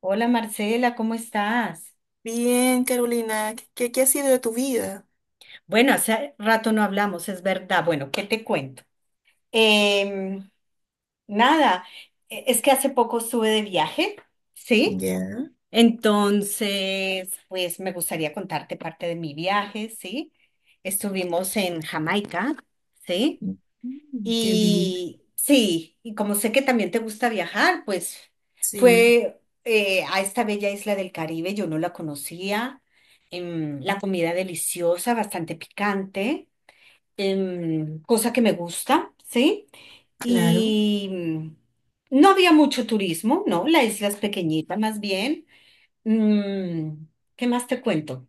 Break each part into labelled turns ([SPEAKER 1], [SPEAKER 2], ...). [SPEAKER 1] Hola Marcela, ¿cómo estás?
[SPEAKER 2] Bien, Carolina, ¿qué ha sido de tu vida?
[SPEAKER 1] Bueno, hace rato no hablamos, es verdad. Bueno, ¿qué te cuento? Em, nada, es que hace poco estuve de viaje, ¿sí?
[SPEAKER 2] Ya.
[SPEAKER 1] Entonces, pues me gustaría contarte parte de mi viaje, ¿sí? Estuvimos en Jamaica, ¿sí?
[SPEAKER 2] Mm, qué bien.
[SPEAKER 1] Y sí, y como sé que también te gusta viajar, pues
[SPEAKER 2] Sí,
[SPEAKER 1] fue a esta bella isla del Caribe, yo no la conocía, la comida deliciosa, bastante picante, cosa que me gusta, ¿sí?
[SPEAKER 2] claro.
[SPEAKER 1] Y no había mucho turismo, ¿no? La isla es pequeñita más bien. Mm, ¿Qué más te cuento?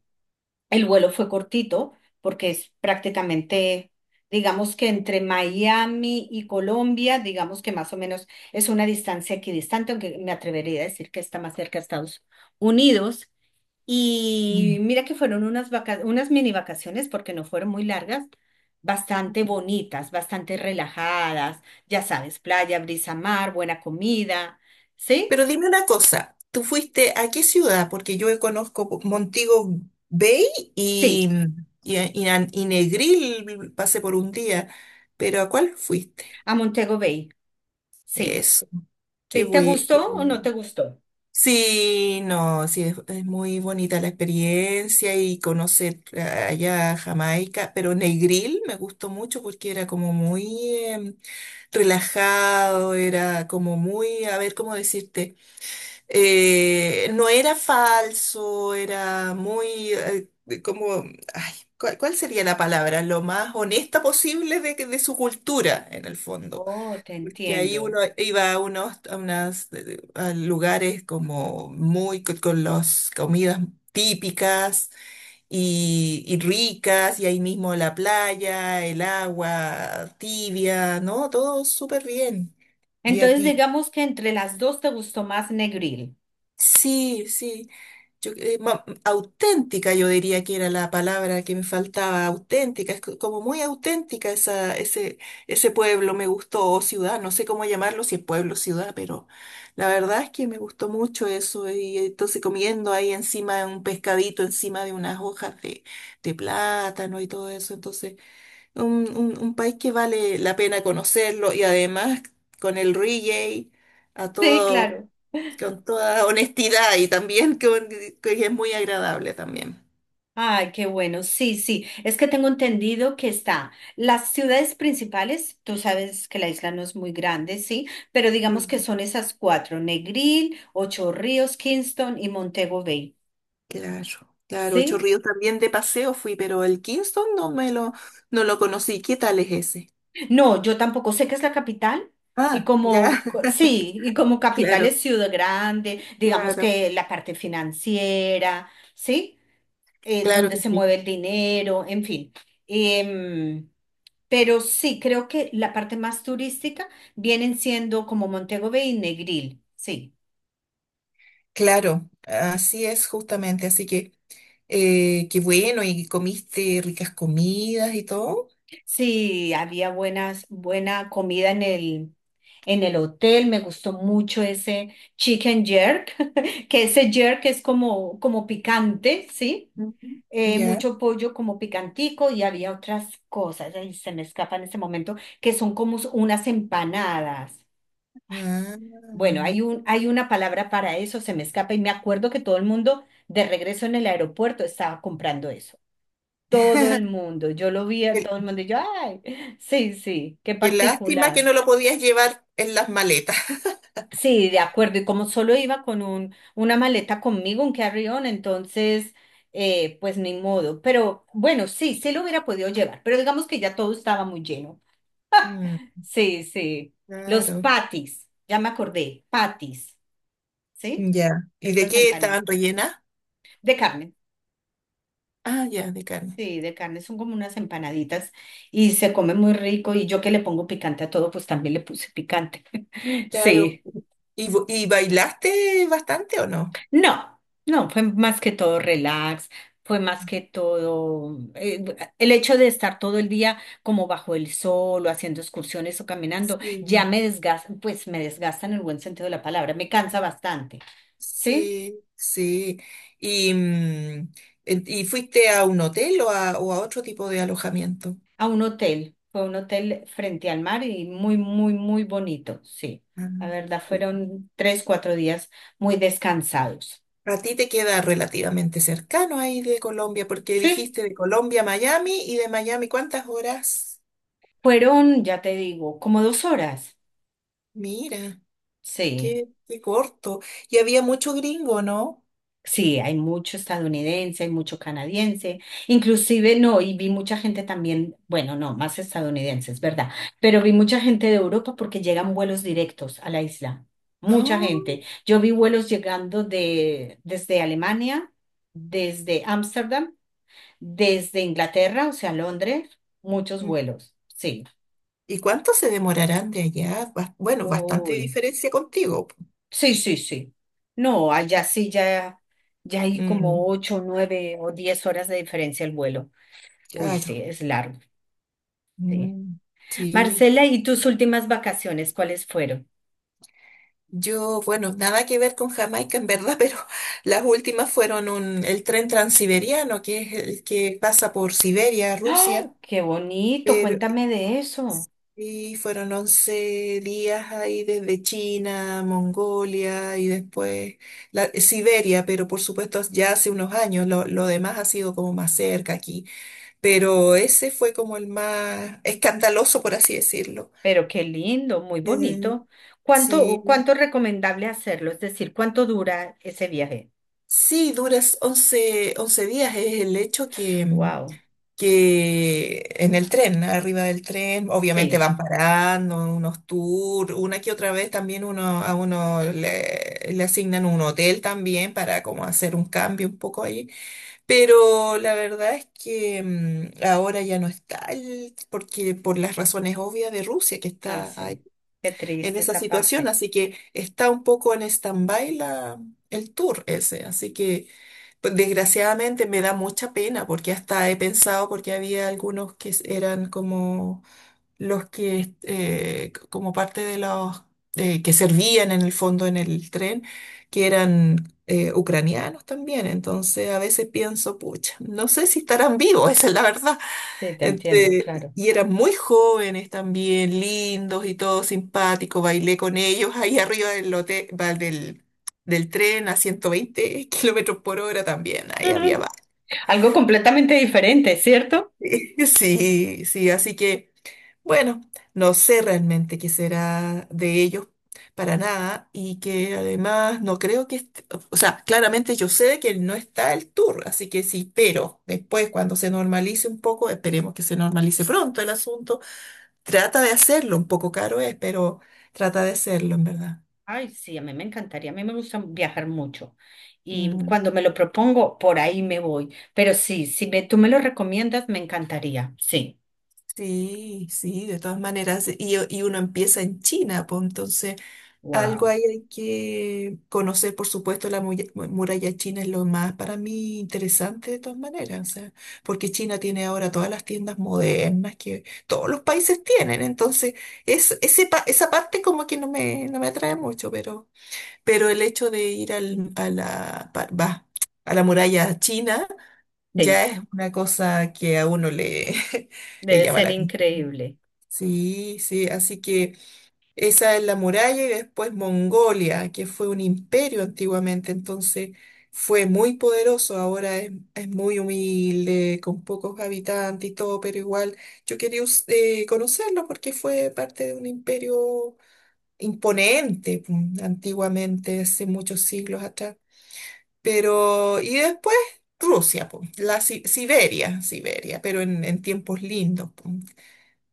[SPEAKER 1] El vuelo fue cortito porque es prácticamente, digamos que entre Miami y Colombia, digamos que más o menos es una distancia equidistante, aunque me atrevería a decir que está más cerca a Estados Unidos. Y
[SPEAKER 2] Mm.
[SPEAKER 1] mira que fueron unas mini vacaciones porque no fueron muy largas, bastante bonitas, bastante relajadas, ya sabes, playa, brisa, mar, buena comida. ¿Sí?
[SPEAKER 2] Pero dime una cosa, ¿tú fuiste a qué ciudad? Porque yo conozco Montego Bay y,
[SPEAKER 1] Sí,
[SPEAKER 2] y Negril, pasé por un día, pero ¿a cuál fuiste?
[SPEAKER 1] a Montego Bay. Sí.
[SPEAKER 2] Eso, qué
[SPEAKER 1] ¿Te, te
[SPEAKER 2] bueno.
[SPEAKER 1] gustó o no te gustó?
[SPEAKER 2] Sí, no, sí, es muy bonita la experiencia y conocer allá Jamaica, pero Negril me gustó mucho porque era como muy em, relajado, era como muy, a ver, ¿cómo decirte? No era falso, era muy, como, ay, ¿cuál sería la palabra? Lo más honesta posible de, de su cultura, en el fondo
[SPEAKER 1] Oh, te
[SPEAKER 2] que ahí
[SPEAKER 1] entiendo.
[SPEAKER 2] uno iba a unos a unas, a lugares como muy con las comidas típicas y ricas, y ahí mismo la playa, el agua tibia, ¿no? Todo súper bien. ¿Y a
[SPEAKER 1] Entonces,
[SPEAKER 2] ti?
[SPEAKER 1] digamos que entre las dos te gustó más Negril.
[SPEAKER 2] Sí, sí. Auténtica, yo diría que era la palabra que me faltaba, auténtica, es como muy auténtica ese pueblo, me gustó, o ciudad, no sé cómo llamarlo, si es pueblo, ciudad, pero la verdad es que me gustó mucho eso, y entonces comiendo ahí encima de un pescadito, encima de unas hojas de plátano y todo eso, entonces un país que vale la pena conocerlo, y además con el reggae, a
[SPEAKER 1] Sí,
[SPEAKER 2] todo
[SPEAKER 1] claro.
[SPEAKER 2] con toda honestidad y también que es muy agradable también.
[SPEAKER 1] Ay, qué bueno. Sí, sí. Es que tengo entendido que está las ciudades principales. Tú sabes que la isla no es muy grande, sí, pero digamos que
[SPEAKER 2] Mm.
[SPEAKER 1] son esas cuatro: Negril, Ocho Ríos, Kingston y Montego Bay.
[SPEAKER 2] Claro, claro, Ocho
[SPEAKER 1] ¿Sí?
[SPEAKER 2] Ríos también de paseo fui, pero el Kingston no me lo, no lo conocí. ¿Qué tal es ese?
[SPEAKER 1] No, yo tampoco sé qué es la capital. Y
[SPEAKER 2] Ah, ya.
[SPEAKER 1] sí, y como capital
[SPEAKER 2] Claro,
[SPEAKER 1] es Ciudad Grande, digamos
[SPEAKER 2] claro.
[SPEAKER 1] que la parte financiera, ¿sí?
[SPEAKER 2] Claro
[SPEAKER 1] Donde
[SPEAKER 2] que
[SPEAKER 1] se
[SPEAKER 2] sí.
[SPEAKER 1] mueve el dinero, en fin. Em, pero sí, creo que la parte más turística vienen siendo como Montego Bay y Negril, sí.
[SPEAKER 2] Claro, así es justamente, así que qué bueno, y comiste ricas comidas y todo.
[SPEAKER 1] Sí, buena comida en el hotel. Me gustó mucho ese chicken jerk, que ese jerk es como, como picante, ¿sí?
[SPEAKER 2] Ujú. Ya.
[SPEAKER 1] Mucho pollo como picantico y había otras cosas, ahí se me escapa en este momento, que son como unas empanadas.
[SPEAKER 2] Ah.
[SPEAKER 1] Bueno, hay una palabra para eso, se me escapa y me acuerdo que todo el mundo de regreso en el aeropuerto estaba comprando eso todo el mundo. Yo lo vi a
[SPEAKER 2] Qué,
[SPEAKER 1] todo el mundo y yo, ay, sí, sí, qué
[SPEAKER 2] qué lástima que
[SPEAKER 1] particular.
[SPEAKER 2] no lo podías llevar en las maletas.
[SPEAKER 1] Sí, de acuerdo. Y como solo iba con una maleta conmigo, un carry-on, entonces, pues ni modo. Pero bueno, sí, sí lo hubiera podido llevar, pero digamos que ya todo estaba muy lleno.
[SPEAKER 2] Mm.
[SPEAKER 1] Sí, sí. Los
[SPEAKER 2] Claro,
[SPEAKER 1] patis, ya me acordé, patis, ¿sí?
[SPEAKER 2] ya. ¿Y de
[SPEAKER 1] Estas
[SPEAKER 2] qué
[SPEAKER 1] empanadas
[SPEAKER 2] estaban rellenas?
[SPEAKER 1] de carne.
[SPEAKER 2] Ah, ya, de carne.
[SPEAKER 1] Sí, de carne son como unas empanaditas y se come muy rico y yo que le pongo picante a todo, pues también le puse picante.
[SPEAKER 2] Claro.
[SPEAKER 1] Sí,
[SPEAKER 2] ¿Y, y bailaste bastante o no?
[SPEAKER 1] no, no, fue más que todo relax, fue más que todo el hecho de estar todo el día como bajo el sol o haciendo excursiones o caminando, ya
[SPEAKER 2] Sí,
[SPEAKER 1] me desgasta, pues me desgasta en el buen sentido de la palabra, me cansa bastante. ¿Sí?
[SPEAKER 2] sí, sí. ¿Y, y fuiste a un hotel o a otro tipo de alojamiento?
[SPEAKER 1] A un hotel, fue un hotel frente al mar y muy, muy, muy bonito, sí. La
[SPEAKER 2] Ah,
[SPEAKER 1] verdad,
[SPEAKER 2] ok.
[SPEAKER 1] fueron tres, cuatro días muy descansados.
[SPEAKER 2] A ti te queda relativamente cercano ahí de Colombia, porque
[SPEAKER 1] Sí,
[SPEAKER 2] dijiste de Colombia a Miami y de Miami, ¿cuántas horas?
[SPEAKER 1] fueron, ya te digo, como 2 horas.
[SPEAKER 2] Mira,
[SPEAKER 1] Sí.
[SPEAKER 2] qué, qué corto. Y había mucho gringo, ¿no?
[SPEAKER 1] Sí, hay mucho estadounidense, hay mucho canadiense, inclusive no, y vi mucha gente también, bueno, no, más estadounidenses, ¿verdad? Pero vi mucha gente de Europa porque llegan vuelos directos a la isla, mucha gente. Yo vi vuelos llegando de, desde Alemania, desde Ámsterdam, desde Inglaterra, o sea, Londres, muchos
[SPEAKER 2] No.
[SPEAKER 1] vuelos, sí.
[SPEAKER 2] ¿Y cuánto se demorarán de allá? Bueno, bastante
[SPEAKER 1] Uy,
[SPEAKER 2] diferencia contigo, po.
[SPEAKER 1] sí, sí, sí. No, allá sí ya, ya hay como
[SPEAKER 2] Mm,
[SPEAKER 1] ocho, nueve o 10 horas de diferencia el vuelo. Uy, sí,
[SPEAKER 2] claro.
[SPEAKER 1] es largo, sí.
[SPEAKER 2] Mm, sí.
[SPEAKER 1] Marcela, ¿y tus últimas vacaciones cuáles fueron?
[SPEAKER 2] Yo, bueno, nada que ver con Jamaica en verdad, pero las últimas fueron un, el tren transiberiano, que es el que pasa por Siberia,
[SPEAKER 1] ¡Ah!
[SPEAKER 2] Rusia,
[SPEAKER 1] Qué bonito,
[SPEAKER 2] pero,
[SPEAKER 1] cuéntame de eso.
[SPEAKER 2] y fueron 11 días ahí desde China, Mongolia y después la, Siberia, pero por supuesto ya hace unos años, lo demás ha sido como más cerca aquí. Pero ese fue como el más escandaloso, por así decirlo.
[SPEAKER 1] Pero qué lindo, muy
[SPEAKER 2] Eh,
[SPEAKER 1] bonito. ¿Cuánto,
[SPEAKER 2] sí,
[SPEAKER 1] cuánto es recomendable hacerlo? Es decir, ¿cuánto dura ese viaje?
[SPEAKER 2] sí, duras once días, es el hecho
[SPEAKER 1] Wow,
[SPEAKER 2] que en el tren, arriba del tren, obviamente
[SPEAKER 1] sí,
[SPEAKER 2] van parando unos tours, una que otra vez también uno, a uno le, le asignan un hotel también para como hacer un cambio un poco ahí. Pero la verdad es que ahora ya no está, porque por las razones obvias de Rusia, que
[SPEAKER 1] ah,
[SPEAKER 2] está
[SPEAKER 1] sí. Qué
[SPEAKER 2] en
[SPEAKER 1] triste
[SPEAKER 2] esa
[SPEAKER 1] esa
[SPEAKER 2] situación,
[SPEAKER 1] parte.
[SPEAKER 2] así que está un poco en stand-by la, el tour ese, así que pues, desgraciadamente me da mucha pena porque hasta he pensado, porque había algunos que eran como los que, como parte de los que servían en el fondo en el tren, que eran... ucranianos también, entonces a veces pienso, pucha, no sé si estarán vivos, esa es la verdad,
[SPEAKER 1] Sí, te entiendo,
[SPEAKER 2] este,
[SPEAKER 1] claro.
[SPEAKER 2] y eran muy jóvenes también, lindos y todo simpático. Bailé con ellos ahí arriba del, lote, va, del, del tren a 120 kilómetros por hora también. Ahí había
[SPEAKER 1] Algo completamente diferente, ¿cierto?
[SPEAKER 2] sí, sí, así que bueno, no sé realmente qué será de ellos para nada y que además no creo que, o sea, claramente yo sé que no está el tour, así que sí, pero después cuando se normalice un poco, esperemos que se normalice pronto el asunto. Trata de hacerlo, un poco caro es, pero trata de hacerlo, en verdad.
[SPEAKER 1] Ay, sí, a mí me encantaría, a mí me gusta viajar mucho y
[SPEAKER 2] Mm,
[SPEAKER 1] cuando me lo propongo, por ahí me voy. Pero sí, si me- tú me lo recomiendas, me encantaría, sí.
[SPEAKER 2] sí, sí, de todas maneras. Y uno empieza en China, pues entonces algo
[SPEAKER 1] Wow,
[SPEAKER 2] ahí hay que conocer, por supuesto, la muralla china es lo más para mí interesante de todas maneras, o sea, porque China tiene ahora todas las tiendas modernas que todos los países tienen, entonces es, ese, esa parte como que no me, no me atrae mucho, pero el hecho de ir al, a la, a la muralla china
[SPEAKER 1] sí,
[SPEAKER 2] ya es una cosa que a uno le, le
[SPEAKER 1] debe
[SPEAKER 2] llama
[SPEAKER 1] ser
[SPEAKER 2] la atención.
[SPEAKER 1] increíble.
[SPEAKER 2] Sí, sí, así que esa es la muralla y después Mongolia, que fue un imperio antiguamente, entonces fue muy poderoso, ahora es muy humilde, con pocos habitantes y todo, pero igual yo quería conocerlo porque fue parte de un imperio imponente, antiguamente, hace muchos siglos atrás. Pero, y después Rusia, po, la Siberia, pero en tiempos lindos, po,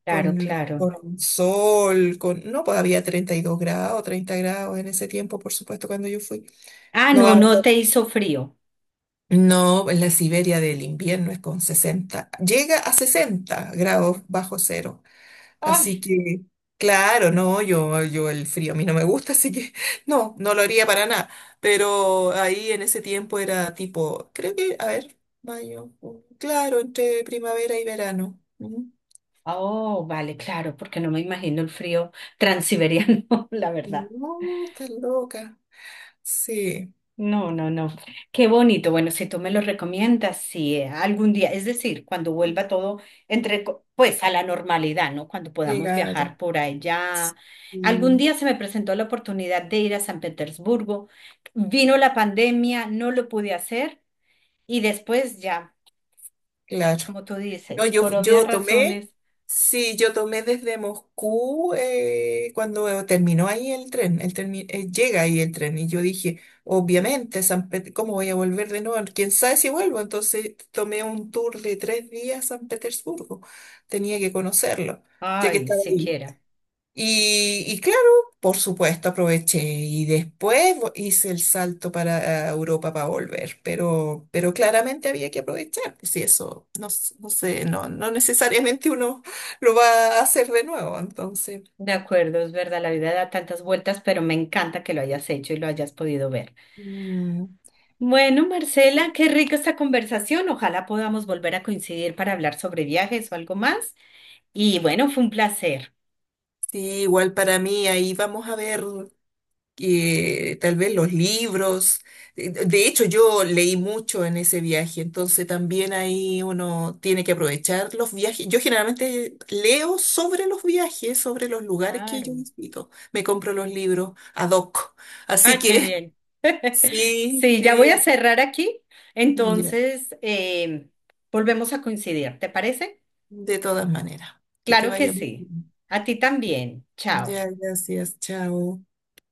[SPEAKER 1] Claro, claro.
[SPEAKER 2] con sol, con, no, pues había 32 grados, 30 grados en ese tiempo, por supuesto, cuando yo fui.
[SPEAKER 1] Ah,
[SPEAKER 2] No
[SPEAKER 1] no,
[SPEAKER 2] vamos,
[SPEAKER 1] no te hizo frío.
[SPEAKER 2] no, en la Siberia del invierno es con 60, llega a 60 grados bajo cero. Así
[SPEAKER 1] Ay,
[SPEAKER 2] que, claro, no, yo el frío a mí no me gusta, así que no, no lo haría para nada. Pero ahí en ese tiempo era tipo, creo que, a ver, mayo, junio, claro, entre primavera y verano. Ujú.
[SPEAKER 1] oh, vale, claro, porque no me imagino el frío transiberiano, la verdad.
[SPEAKER 2] No, estás loca. Sí,
[SPEAKER 1] No, no, no. Qué bonito. Bueno, si tú me lo recomiendas, sí, algún día, es decir, cuando vuelva todo pues a la normalidad, ¿no? Cuando podamos
[SPEAKER 2] claro.
[SPEAKER 1] viajar por allá. Algún
[SPEAKER 2] Mm.
[SPEAKER 1] día se me presentó la oportunidad de ir a San Petersburgo. Vino la pandemia, no lo pude hacer y después ya,
[SPEAKER 2] Claro.
[SPEAKER 1] como tú
[SPEAKER 2] No,
[SPEAKER 1] dices,
[SPEAKER 2] yo,
[SPEAKER 1] por obvias
[SPEAKER 2] yo tomé,
[SPEAKER 1] razones,
[SPEAKER 2] sí, yo tomé desde Moscú cuando terminó ahí el tren, el llega ahí el tren y yo dije, obviamente, ¿cómo voy a volver de nuevo? ¿Quién sabe si vuelvo? Entonces tomé un tour de 3 días a San Petersburgo, tenía que conocerlo, ya que
[SPEAKER 1] ay,
[SPEAKER 2] estaba ahí.
[SPEAKER 1] siquiera.
[SPEAKER 2] Y claro, por supuesto, aproveché y después hice el salto para Europa para volver, pero claramente había que aprovechar, pues, si eso no, no sé, no, no necesariamente uno lo va a hacer de nuevo, entonces,
[SPEAKER 1] De acuerdo, es verdad, la vida da tantas vueltas, pero me encanta que lo hayas hecho y lo hayas podido ver.
[SPEAKER 2] mm,
[SPEAKER 1] Bueno, Marcela, qué rica esta conversación. Ojalá podamos volver a coincidir para hablar sobre viajes o algo más. Y bueno, fue un placer.
[SPEAKER 2] sí, igual para mí ahí vamos a ver. Que tal vez los libros. De hecho, yo leí mucho en ese viaje, entonces también ahí uno tiene que aprovechar los viajes. Yo generalmente leo sobre los viajes, sobre los lugares que yo
[SPEAKER 1] Claro.
[SPEAKER 2] visito. Me compro los libros ad hoc. Así
[SPEAKER 1] Ah, qué
[SPEAKER 2] que
[SPEAKER 1] bien.
[SPEAKER 2] sí,
[SPEAKER 1] Sí, ya
[SPEAKER 2] sí,
[SPEAKER 1] voy a cerrar aquí.
[SPEAKER 2] ya.
[SPEAKER 1] Entonces, volvemos a coincidir. ¿Te parece?
[SPEAKER 2] De todas maneras, que te
[SPEAKER 1] Claro que
[SPEAKER 2] vaya muy
[SPEAKER 1] sí.
[SPEAKER 2] bien.
[SPEAKER 1] A ti también. Chao.
[SPEAKER 2] Ya, gracias, chao.